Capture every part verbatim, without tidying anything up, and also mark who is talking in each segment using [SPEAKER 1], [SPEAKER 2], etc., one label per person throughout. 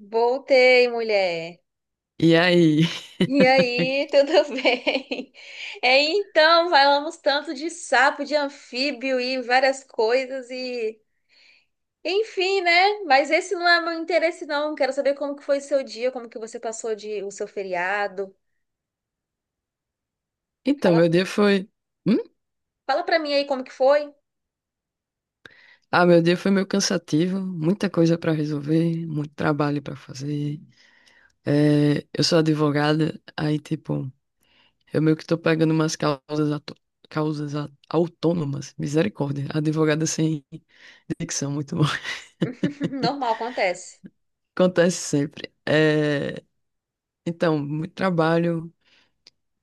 [SPEAKER 1] Voltei, mulher.
[SPEAKER 2] E aí?
[SPEAKER 1] E aí, tudo bem? É, então, falamos tanto de sapo, de anfíbio e várias coisas e. Enfim, né? Mas esse não é meu interesse, não. Quero saber como que foi seu dia, como que você passou de... o seu feriado.
[SPEAKER 2] Então,
[SPEAKER 1] Fala,
[SPEAKER 2] meu dia foi. Hum?
[SPEAKER 1] fala pra mim aí como que foi.
[SPEAKER 2] Ah, meu dia foi meio cansativo, muita coisa pra resolver, muito trabalho pra fazer. É, eu sou advogada, aí, tipo, eu meio que tô pegando umas causas, ato- causas a- autônomas, misericórdia. Advogada sem dicção, muito bom.
[SPEAKER 1] Normal, acontece.
[SPEAKER 2] Acontece sempre. É, então, muito trabalho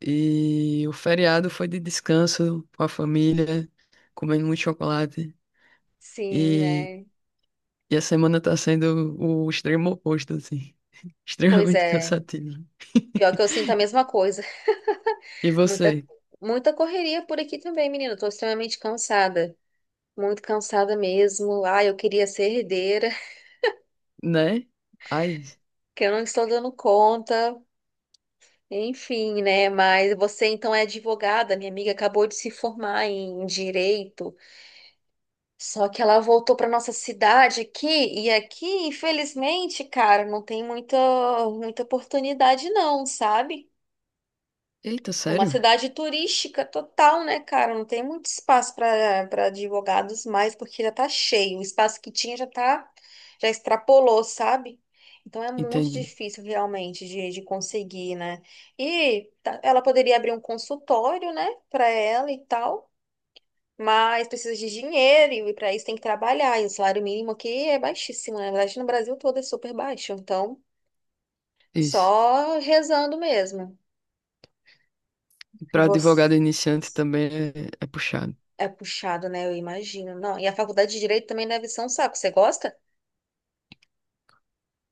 [SPEAKER 2] e o feriado foi de descanso com a família, comendo muito chocolate.
[SPEAKER 1] Sim, né?
[SPEAKER 2] E a semana tá sendo o extremo oposto, assim.
[SPEAKER 1] Pois
[SPEAKER 2] Extremamente
[SPEAKER 1] é.
[SPEAKER 2] cansativo.
[SPEAKER 1] Pior que eu sinto a mesma coisa.
[SPEAKER 2] E
[SPEAKER 1] Muita,
[SPEAKER 2] você,
[SPEAKER 1] muita correria por aqui também, menina. Eu tô extremamente cansada. muito cansada mesmo. Ah, eu queria ser herdeira,
[SPEAKER 2] né? Ai,
[SPEAKER 1] que eu não estou dando conta. Enfim, né? Mas você então é advogada. Minha amiga acabou de se formar em direito, só que ela voltou para nossa cidade aqui e aqui, infelizmente, cara, não tem muita muita oportunidade não, sabe?
[SPEAKER 2] eita,
[SPEAKER 1] É uma
[SPEAKER 2] sério?
[SPEAKER 1] cidade turística total, né, cara? Não tem muito espaço para para advogados mais, porque já tá cheio. O espaço que tinha já tá, já extrapolou, sabe? Então é muito
[SPEAKER 2] Entende?
[SPEAKER 1] difícil realmente de, de conseguir, né? E tá- ela poderia abrir um consultório, né, para ela e tal, mas precisa de dinheiro e para isso tem que trabalhar. E o salário mínimo aqui é baixíssimo, né? Na verdade, no Brasil todo é super baixo. Então,
[SPEAKER 2] Isso.
[SPEAKER 1] só rezando mesmo.
[SPEAKER 2] Para advogado
[SPEAKER 1] Você.
[SPEAKER 2] iniciante também é, é puxado.
[SPEAKER 1] É puxado, né? Eu imagino. Não, e a faculdade de Direito também deve ser um saco. Você gosta?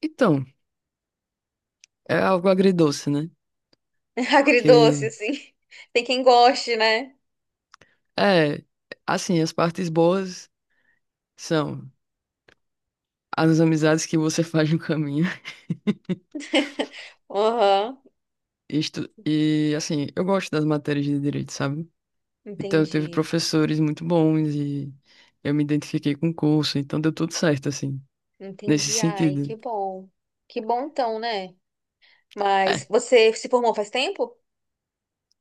[SPEAKER 2] Então, é algo agridoce, né?
[SPEAKER 1] Agridoce,
[SPEAKER 2] Porque,
[SPEAKER 1] assim. Tem quem goste, né?
[SPEAKER 2] é, assim, as partes boas são as amizades que você faz no caminho.
[SPEAKER 1] Aham.
[SPEAKER 2] Isto, e, assim, eu gosto das matérias de direito, sabe? Então, teve
[SPEAKER 1] Entendi.
[SPEAKER 2] professores muito bons e eu me identifiquei com o curso, então deu tudo certo, assim, nesse
[SPEAKER 1] Entendi. Ai, que
[SPEAKER 2] sentido.
[SPEAKER 1] bom. Que bom então, né? Mas
[SPEAKER 2] É,
[SPEAKER 1] você se formou faz tempo?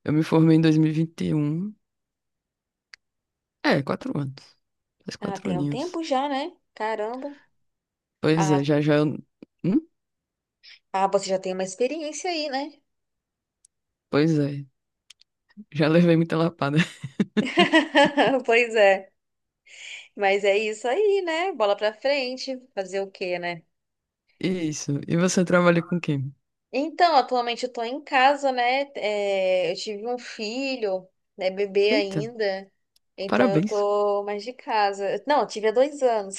[SPEAKER 2] eu me formei em dois mil e vinte e um. É, quatro anos. Faz
[SPEAKER 1] Ah,
[SPEAKER 2] quatro
[SPEAKER 1] tem um
[SPEAKER 2] aninhos.
[SPEAKER 1] tempo já, né? Caramba.
[SPEAKER 2] Pois é,
[SPEAKER 1] Ah,
[SPEAKER 2] já já eu... Hum?
[SPEAKER 1] ah, Você já tem uma experiência aí, né?
[SPEAKER 2] Pois é, já levei muita lapada.
[SPEAKER 1] Pois é. Mas é isso aí, né? Bola pra frente. Fazer o quê, né?
[SPEAKER 2] Isso. E você trabalha com quem?
[SPEAKER 1] Então, atualmente eu tô em casa, né? É, eu tive um filho, né? Bebê
[SPEAKER 2] Eita,
[SPEAKER 1] ainda. Então eu
[SPEAKER 2] parabéns.
[SPEAKER 1] tô mais de casa. Não, eu tive há dois anos.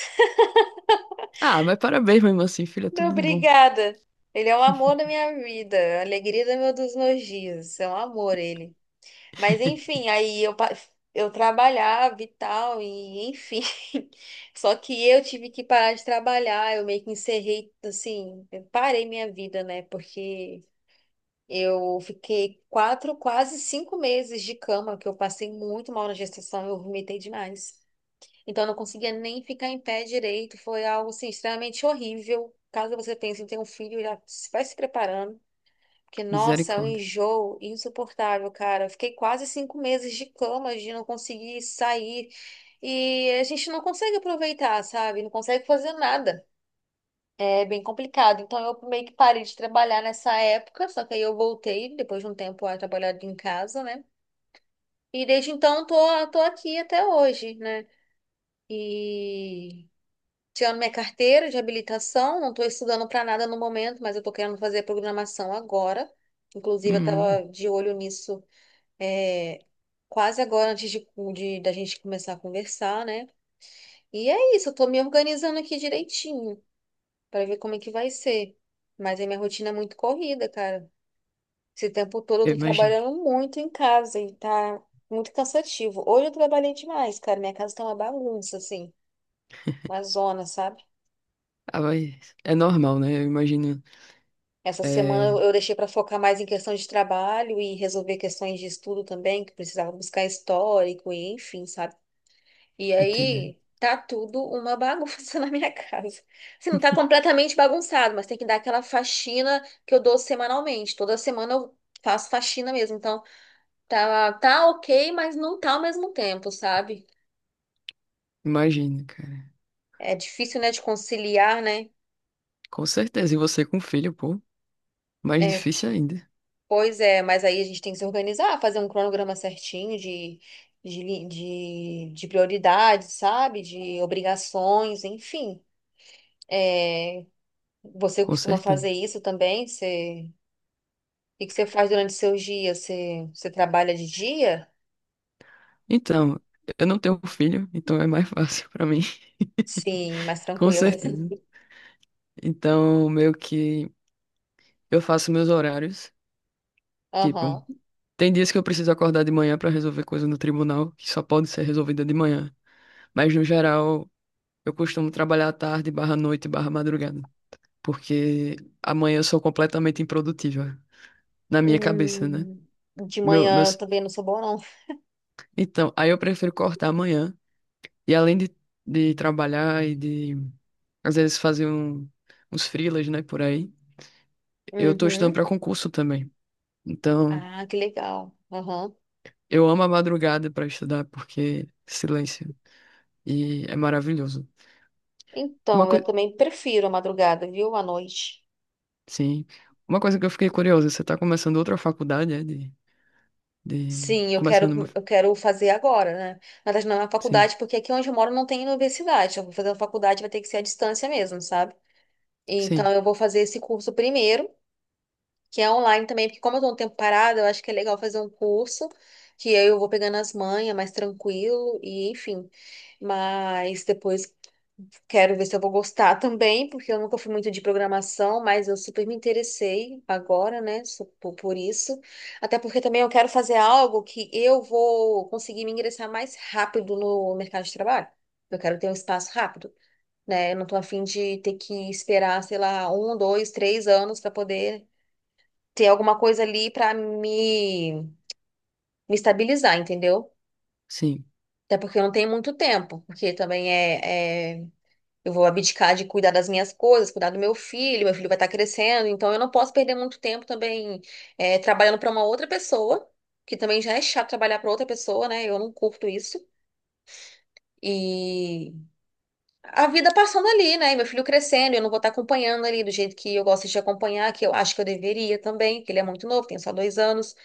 [SPEAKER 2] Ah, mas parabéns mesmo assim, filha, tudo de bom.
[SPEAKER 1] Obrigada. Ele é o amor da minha vida, a alegria do meu, dos meus dias. É um amor ele. Mas enfim, aí eu, pa- eu trabalhava e tal, e enfim. Só que eu tive que parar de trabalhar, eu meio que encerrei, assim, eu parei minha vida, né? Porque. Eu fiquei quatro, quase cinco meses de cama, que eu passei muito mal na gestação, eu vomitei demais. Então, eu não conseguia nem ficar em pé direito, foi algo assim, extremamente horrível. Caso você pense em ter um filho, já se- vai se preparando, porque, nossa, é um
[SPEAKER 2] Misericórdia.
[SPEAKER 1] enjoo insuportável, cara. Eu fiquei quase cinco meses de cama, de não conseguir sair, e a gente não consegue aproveitar, sabe? Não consegue fazer nada. É bem complicado. Então eu meio que parei de trabalhar nessa época, só que aí eu voltei depois de um tempo a trabalhar em casa, né? E desde então tô, tô aqui até hoje, né? E tirando minha carteira de habilitação, não tô estudando para nada no momento, mas eu tô querendo fazer programação agora. Inclusive, eu
[SPEAKER 2] Hum,
[SPEAKER 1] tava de olho nisso é, quase agora antes de, de da gente começar a conversar, né? E é isso, eu tô me organizando aqui direitinho para ver como é que vai ser. Mas a minha rotina é muito corrida, cara. Esse tempo todo eu
[SPEAKER 2] eu
[SPEAKER 1] tô
[SPEAKER 2] imagino.
[SPEAKER 1] trabalhando muito em casa e tá muito cansativo. Hoje eu trabalhei demais, cara. Minha casa tá uma bagunça, assim, uma zona, sabe?
[SPEAKER 2] Ah, mas é normal, né? Eu imagino.
[SPEAKER 1] Essa semana
[SPEAKER 2] É,
[SPEAKER 1] eu eu deixei para focar mais em questão de trabalho e resolver questões de estudo também, que precisava buscar histórico e enfim, sabe? E
[SPEAKER 2] entendeu?
[SPEAKER 1] aí tá tudo uma bagunça na minha casa. Assim, não tá completamente bagunçado, mas tem que dar aquela faxina que eu dou semanalmente. Toda semana eu faço faxina mesmo. Então tá, tá ok, mas não tá ao mesmo tempo, sabe?
[SPEAKER 2] Imagino, cara.
[SPEAKER 1] É difícil, né, de conciliar, né?
[SPEAKER 2] Com certeza. E você com filho, pô, mais
[SPEAKER 1] É,
[SPEAKER 2] difícil ainda.
[SPEAKER 1] pois é, mas aí a gente tem que se organizar, fazer um cronograma certinho de, de, li- de, de prioridades, sabe? De obrigações, enfim. É, você
[SPEAKER 2] Com
[SPEAKER 1] costuma
[SPEAKER 2] certeza.
[SPEAKER 1] fazer isso também? Você. que que você faz durante seus dias? Você, você trabalha de dia?
[SPEAKER 2] Então, eu não tenho filho, então é mais fácil pra mim.
[SPEAKER 1] Sim, mais
[SPEAKER 2] Com
[SPEAKER 1] tranquila.
[SPEAKER 2] certeza. Então, meio que eu faço meus horários. Tipo,
[SPEAKER 1] Aham.
[SPEAKER 2] tem dias que eu preciso acordar de manhã pra resolver coisa no tribunal, que só pode ser resolvida de manhã. Mas, no geral, eu costumo trabalhar à tarde, barra noite, barra madrugada. Porque amanhã eu sou completamente improdutiva. Na minha cabeça, né?
[SPEAKER 1] Hum, de
[SPEAKER 2] Meu,
[SPEAKER 1] manhã eu
[SPEAKER 2] meus...
[SPEAKER 1] também não sou boa, não.
[SPEAKER 2] Então, aí eu prefiro cortar amanhã. E além de, de trabalhar e de, às vezes, fazer um, uns freelas, né, por aí, eu tô estudando
[SPEAKER 1] Uhum.
[SPEAKER 2] para concurso também. Então,
[SPEAKER 1] Ah, que legal. Aham.
[SPEAKER 2] eu amo a madrugada para estudar, porque silêncio. E é maravilhoso. Uma
[SPEAKER 1] Então, eu
[SPEAKER 2] coisa,
[SPEAKER 1] também prefiro a madrugada, viu? À noite.
[SPEAKER 2] sim. Uma coisa que eu fiquei curiosa, você tá começando outra faculdade, é de, de,
[SPEAKER 1] Sim, eu
[SPEAKER 2] começando uma,
[SPEAKER 1] quero, eu quero fazer agora, né? Na verdade, não é na
[SPEAKER 2] sim,
[SPEAKER 1] faculdade, porque aqui onde eu moro não tem universidade. Eu vou fazer a faculdade, vai ter que ser à distância mesmo, sabe? Então,
[SPEAKER 2] sim,
[SPEAKER 1] eu vou fazer esse curso primeiro, que é online também, porque como eu tô um tempo parada, eu acho que é legal fazer um curso, que aí eu vou pegando as manhas mais tranquilo, e enfim. Mas depois quero ver se eu vou gostar também, porque eu nunca fui muito de programação, mas eu super me interessei agora, né, so- por, por isso. Até porque também eu quero fazer algo que eu vou conseguir me ingressar mais rápido no mercado de trabalho. Eu quero ter um espaço rápido. Né? Eu não tô afim de ter que esperar, sei lá, um, dois, três anos para poder ter alguma coisa ali pra me, me estabilizar, entendeu?
[SPEAKER 2] sim,
[SPEAKER 1] Até porque eu não tenho muito tempo, porque também é, é- eu vou abdicar de cuidar das minhas coisas, cuidar do meu filho, meu filho vai estar crescendo, então eu não posso perder muito tempo também é, trabalhando pra uma outra pessoa, que também já é chato trabalhar pra outra pessoa, né? Eu não curto isso. E a vida passando ali, né? E Meu filho crescendo, eu não vou estar acompanhando ali do jeito que eu gosto de acompanhar, que eu acho que eu deveria também, que ele é muito novo, tem só dois anos.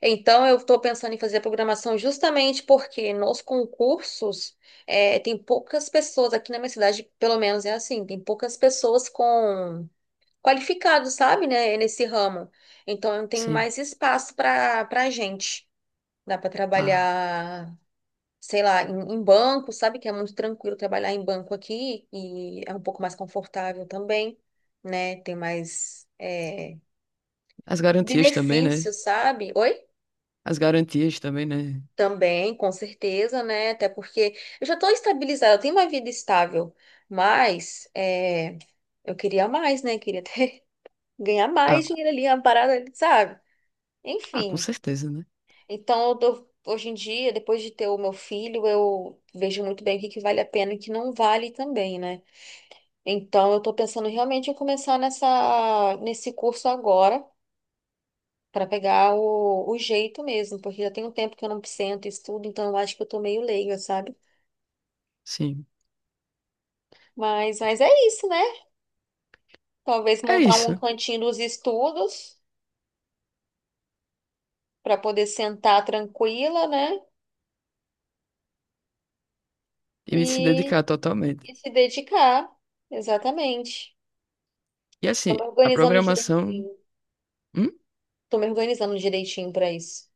[SPEAKER 1] Então, eu estou pensando em fazer a programação justamente porque nos concursos eh, tem poucas pessoas, aqui na minha cidade, pelo menos é assim, tem poucas pessoas com qualificados, sabe, né, nesse ramo. Então, não tem
[SPEAKER 2] sim.
[SPEAKER 1] mais espaço para para gente. Dá para
[SPEAKER 2] Ah,
[SPEAKER 1] trabalhar, sei lá, em, em banco, sabe, que é muito tranquilo trabalhar em banco aqui e é um pouco mais confortável também, né, tem mais eh,
[SPEAKER 2] as garantias também, né?
[SPEAKER 1] benefícios, sabe? Oi?
[SPEAKER 2] As garantias também, né?
[SPEAKER 1] Também, com certeza, né? Até porque eu já estou estabilizada, eu tenho uma vida estável, mas é, eu queria mais, né? Queria ter, ganhar
[SPEAKER 2] Ah,
[SPEAKER 1] mais dinheiro ali, uma parada, ali, sabe?
[SPEAKER 2] ah, com
[SPEAKER 1] Enfim,
[SPEAKER 2] certeza, né?
[SPEAKER 1] então eu dou- hoje em dia, depois de ter o meu filho, eu vejo muito bem o que que vale a pena e o que não vale também, né? Então eu estou pensando realmente em começar nessa, nesse curso agora. Para pegar o, o jeito mesmo, porque já tem um tempo que eu não sento e estudo, então eu acho que eu tô meio leiga, sabe?
[SPEAKER 2] Sim.
[SPEAKER 1] Mas, mas é isso, né? Talvez
[SPEAKER 2] É
[SPEAKER 1] montar um
[SPEAKER 2] isso.
[SPEAKER 1] cantinho dos estudos para poder sentar tranquila, né?
[SPEAKER 2] E me se
[SPEAKER 1] E,
[SPEAKER 2] dedicar totalmente.
[SPEAKER 1] e se dedicar. Exatamente.
[SPEAKER 2] E
[SPEAKER 1] Tô
[SPEAKER 2] assim,
[SPEAKER 1] me
[SPEAKER 2] a
[SPEAKER 1] organizando
[SPEAKER 2] programação.
[SPEAKER 1] direitinho.
[SPEAKER 2] Hum?
[SPEAKER 1] Tô me organizando direitinho para isso.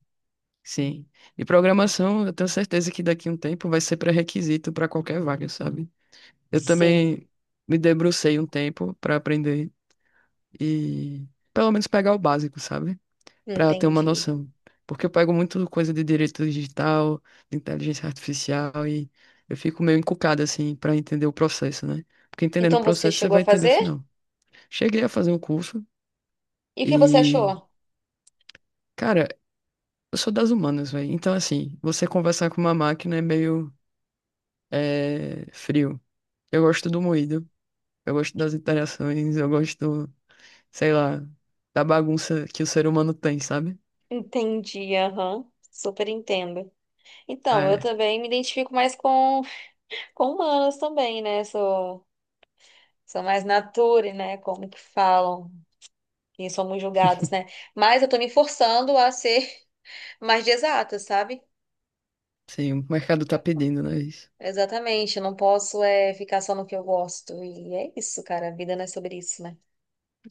[SPEAKER 2] Sim. E programação, eu tenho certeza que daqui a um tempo vai ser pré-requisito para qualquer vaga, sabe? Eu
[SPEAKER 1] Sim,
[SPEAKER 2] também me debrucei um tempo para aprender e pelo menos pegar o básico, sabe? Para ter uma
[SPEAKER 1] entendi.
[SPEAKER 2] noção. Porque eu pego muito coisa de direito digital, de inteligência artificial e eu fico meio encucado assim para entender o processo, né? Porque entendendo o
[SPEAKER 1] Então você
[SPEAKER 2] processo você
[SPEAKER 1] chegou a
[SPEAKER 2] vai entender o
[SPEAKER 1] fazer?
[SPEAKER 2] final. Cheguei a fazer um curso
[SPEAKER 1] E o que você achou?
[SPEAKER 2] e, cara, eu sou das humanas, velho. Então, assim, você conversar com uma máquina é meio é, frio. Eu gosto do moído, eu gosto das interações, eu gosto, sei lá, da bagunça que o ser humano tem, sabe?
[SPEAKER 1] Entendi, aham. Super entendo. Então, eu
[SPEAKER 2] É,
[SPEAKER 1] também me identifico mais com, com humanos também, né? Sou, sou mais nature, né? Como que falam. Quem somos julgados, né? Mas eu tô me forçando a ser mais de exata, sabe?
[SPEAKER 2] sim, o mercado tá pedindo, né? Isso.
[SPEAKER 1] Exatamente, eu não posso é, ficar só no que eu gosto. E é isso, cara, a vida não é sobre isso, né?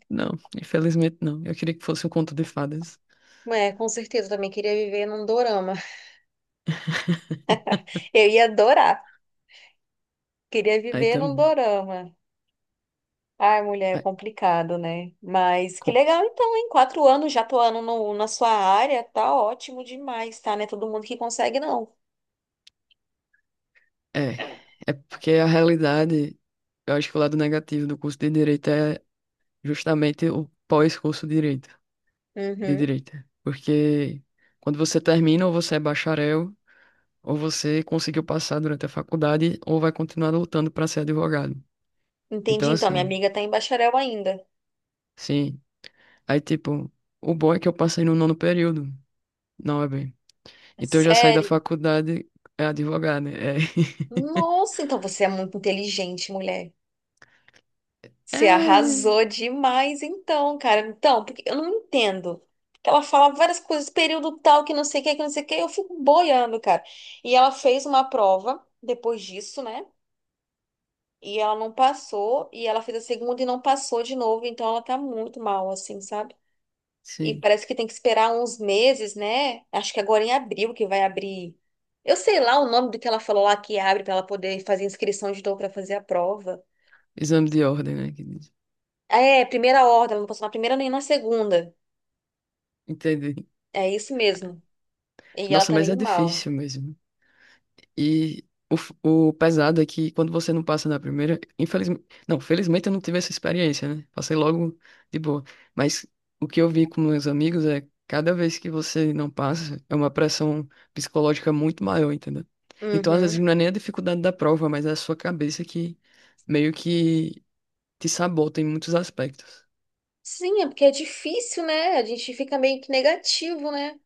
[SPEAKER 2] Não, infelizmente não. Eu queria que fosse um conto de fadas.
[SPEAKER 1] É, com certeza, eu também queria viver num dorama. Eu ia adorar, queria
[SPEAKER 2] Aí
[SPEAKER 1] viver num
[SPEAKER 2] também.
[SPEAKER 1] dorama. Ai, mulher, é
[SPEAKER 2] É,
[SPEAKER 1] complicado, né? Mas que
[SPEAKER 2] co-
[SPEAKER 1] legal, então, em quatro anos já atuando no, na sua área, tá ótimo demais, tá? Não é todo mundo que consegue, não.
[SPEAKER 2] é, é porque a realidade, eu acho que o lado negativo do curso de direito é justamente o pós-curso de direito. De
[SPEAKER 1] Uhum.
[SPEAKER 2] direita. Porque quando você termina, ou você é bacharel, ou você conseguiu passar durante a faculdade, ou vai continuar lutando para ser advogado.
[SPEAKER 1] Entendi,
[SPEAKER 2] Então,
[SPEAKER 1] então, minha
[SPEAKER 2] assim,
[SPEAKER 1] amiga tá em bacharel ainda.
[SPEAKER 2] sim. Aí, tipo, o bom é que eu passei no nono período, não é bem.
[SPEAKER 1] É
[SPEAKER 2] Então, eu já saí da
[SPEAKER 1] Sério?
[SPEAKER 2] faculdade, é advogado. né? É,
[SPEAKER 1] Nossa, então você é muito inteligente, mulher.
[SPEAKER 2] é
[SPEAKER 1] Você arrasou demais, então, cara. Então, porque eu não entendo. Ela fala várias coisas, período tal, que não sei o que, que não sei o que, eu fico boiando, cara. E ela fez uma prova depois disso, né? E ela não passou, e ela fez a segunda e não passou de novo, então ela tá muito mal, assim, sabe? E
[SPEAKER 2] sim.
[SPEAKER 1] parece que tem que esperar uns meses, né? Acho que agora em abril que vai abrir. Eu sei lá o nome do que ela falou lá que abre pra ela poder fazer inscrição de novo pra fazer a prova.
[SPEAKER 2] Exame de ordem, né? que diz.
[SPEAKER 1] É, primeira ordem, ela não passou na primeira nem na segunda.
[SPEAKER 2] Entendi.
[SPEAKER 1] É isso mesmo. E ela
[SPEAKER 2] Nossa,
[SPEAKER 1] tá
[SPEAKER 2] mas
[SPEAKER 1] meio
[SPEAKER 2] é
[SPEAKER 1] mal.
[SPEAKER 2] difícil mesmo. E o, f- o pesado é que quando você não passa na primeira, infelizmente, não, felizmente eu não tive essa experiência, né? Passei logo de boa. Mas o que eu vi com meus amigos é cada vez que você não passa, é uma pressão psicológica muito maior, entendeu? Então, às vezes,
[SPEAKER 1] Uhum.
[SPEAKER 2] não é nem a dificuldade da prova, mas é a sua cabeça que meio que te sabota em muitos aspectos.
[SPEAKER 1] Sim, é porque é difícil, né? A gente fica meio que negativo, né?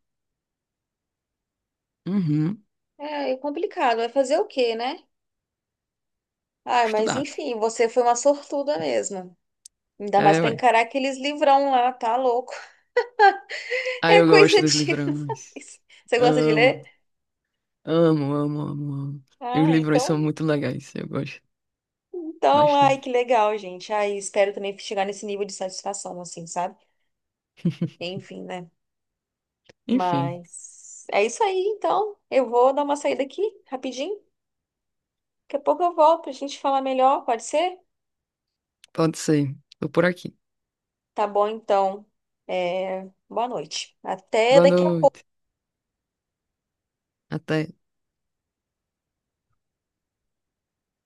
[SPEAKER 2] Uhum,
[SPEAKER 1] É, é complicado. Vai fazer o quê, né? Ah, mas
[SPEAKER 2] estudar.
[SPEAKER 1] enfim, você foi uma sortuda mesmo. Ainda mais
[SPEAKER 2] É,
[SPEAKER 1] pra
[SPEAKER 2] ué.
[SPEAKER 1] encarar aqueles livrão lá, tá louco?
[SPEAKER 2] Aí
[SPEAKER 1] É
[SPEAKER 2] eu
[SPEAKER 1] coisa
[SPEAKER 2] gosto dos livrões.
[SPEAKER 1] demais. Você gosta de
[SPEAKER 2] Amo.
[SPEAKER 1] ler?
[SPEAKER 2] Amo, amo, amo, amo. E os
[SPEAKER 1] Ah,
[SPEAKER 2] livros são
[SPEAKER 1] então.
[SPEAKER 2] muito legais, eu gosto
[SPEAKER 1] Então, ai, que
[SPEAKER 2] bastante.
[SPEAKER 1] legal, gente. Ai, espero também chegar nesse nível de satisfação, assim, sabe? Enfim, né?
[SPEAKER 2] Enfim,
[SPEAKER 1] Mas é isso aí, então. Eu vou dar uma saída aqui, rapidinho. Daqui a pouco eu volto pra gente falar melhor, pode ser?
[SPEAKER 2] pode ser. Tô por aqui.
[SPEAKER 1] Tá bom, então. É, Boa noite. Até
[SPEAKER 2] Boa
[SPEAKER 1] daqui a pouco.
[SPEAKER 2] noite. Até.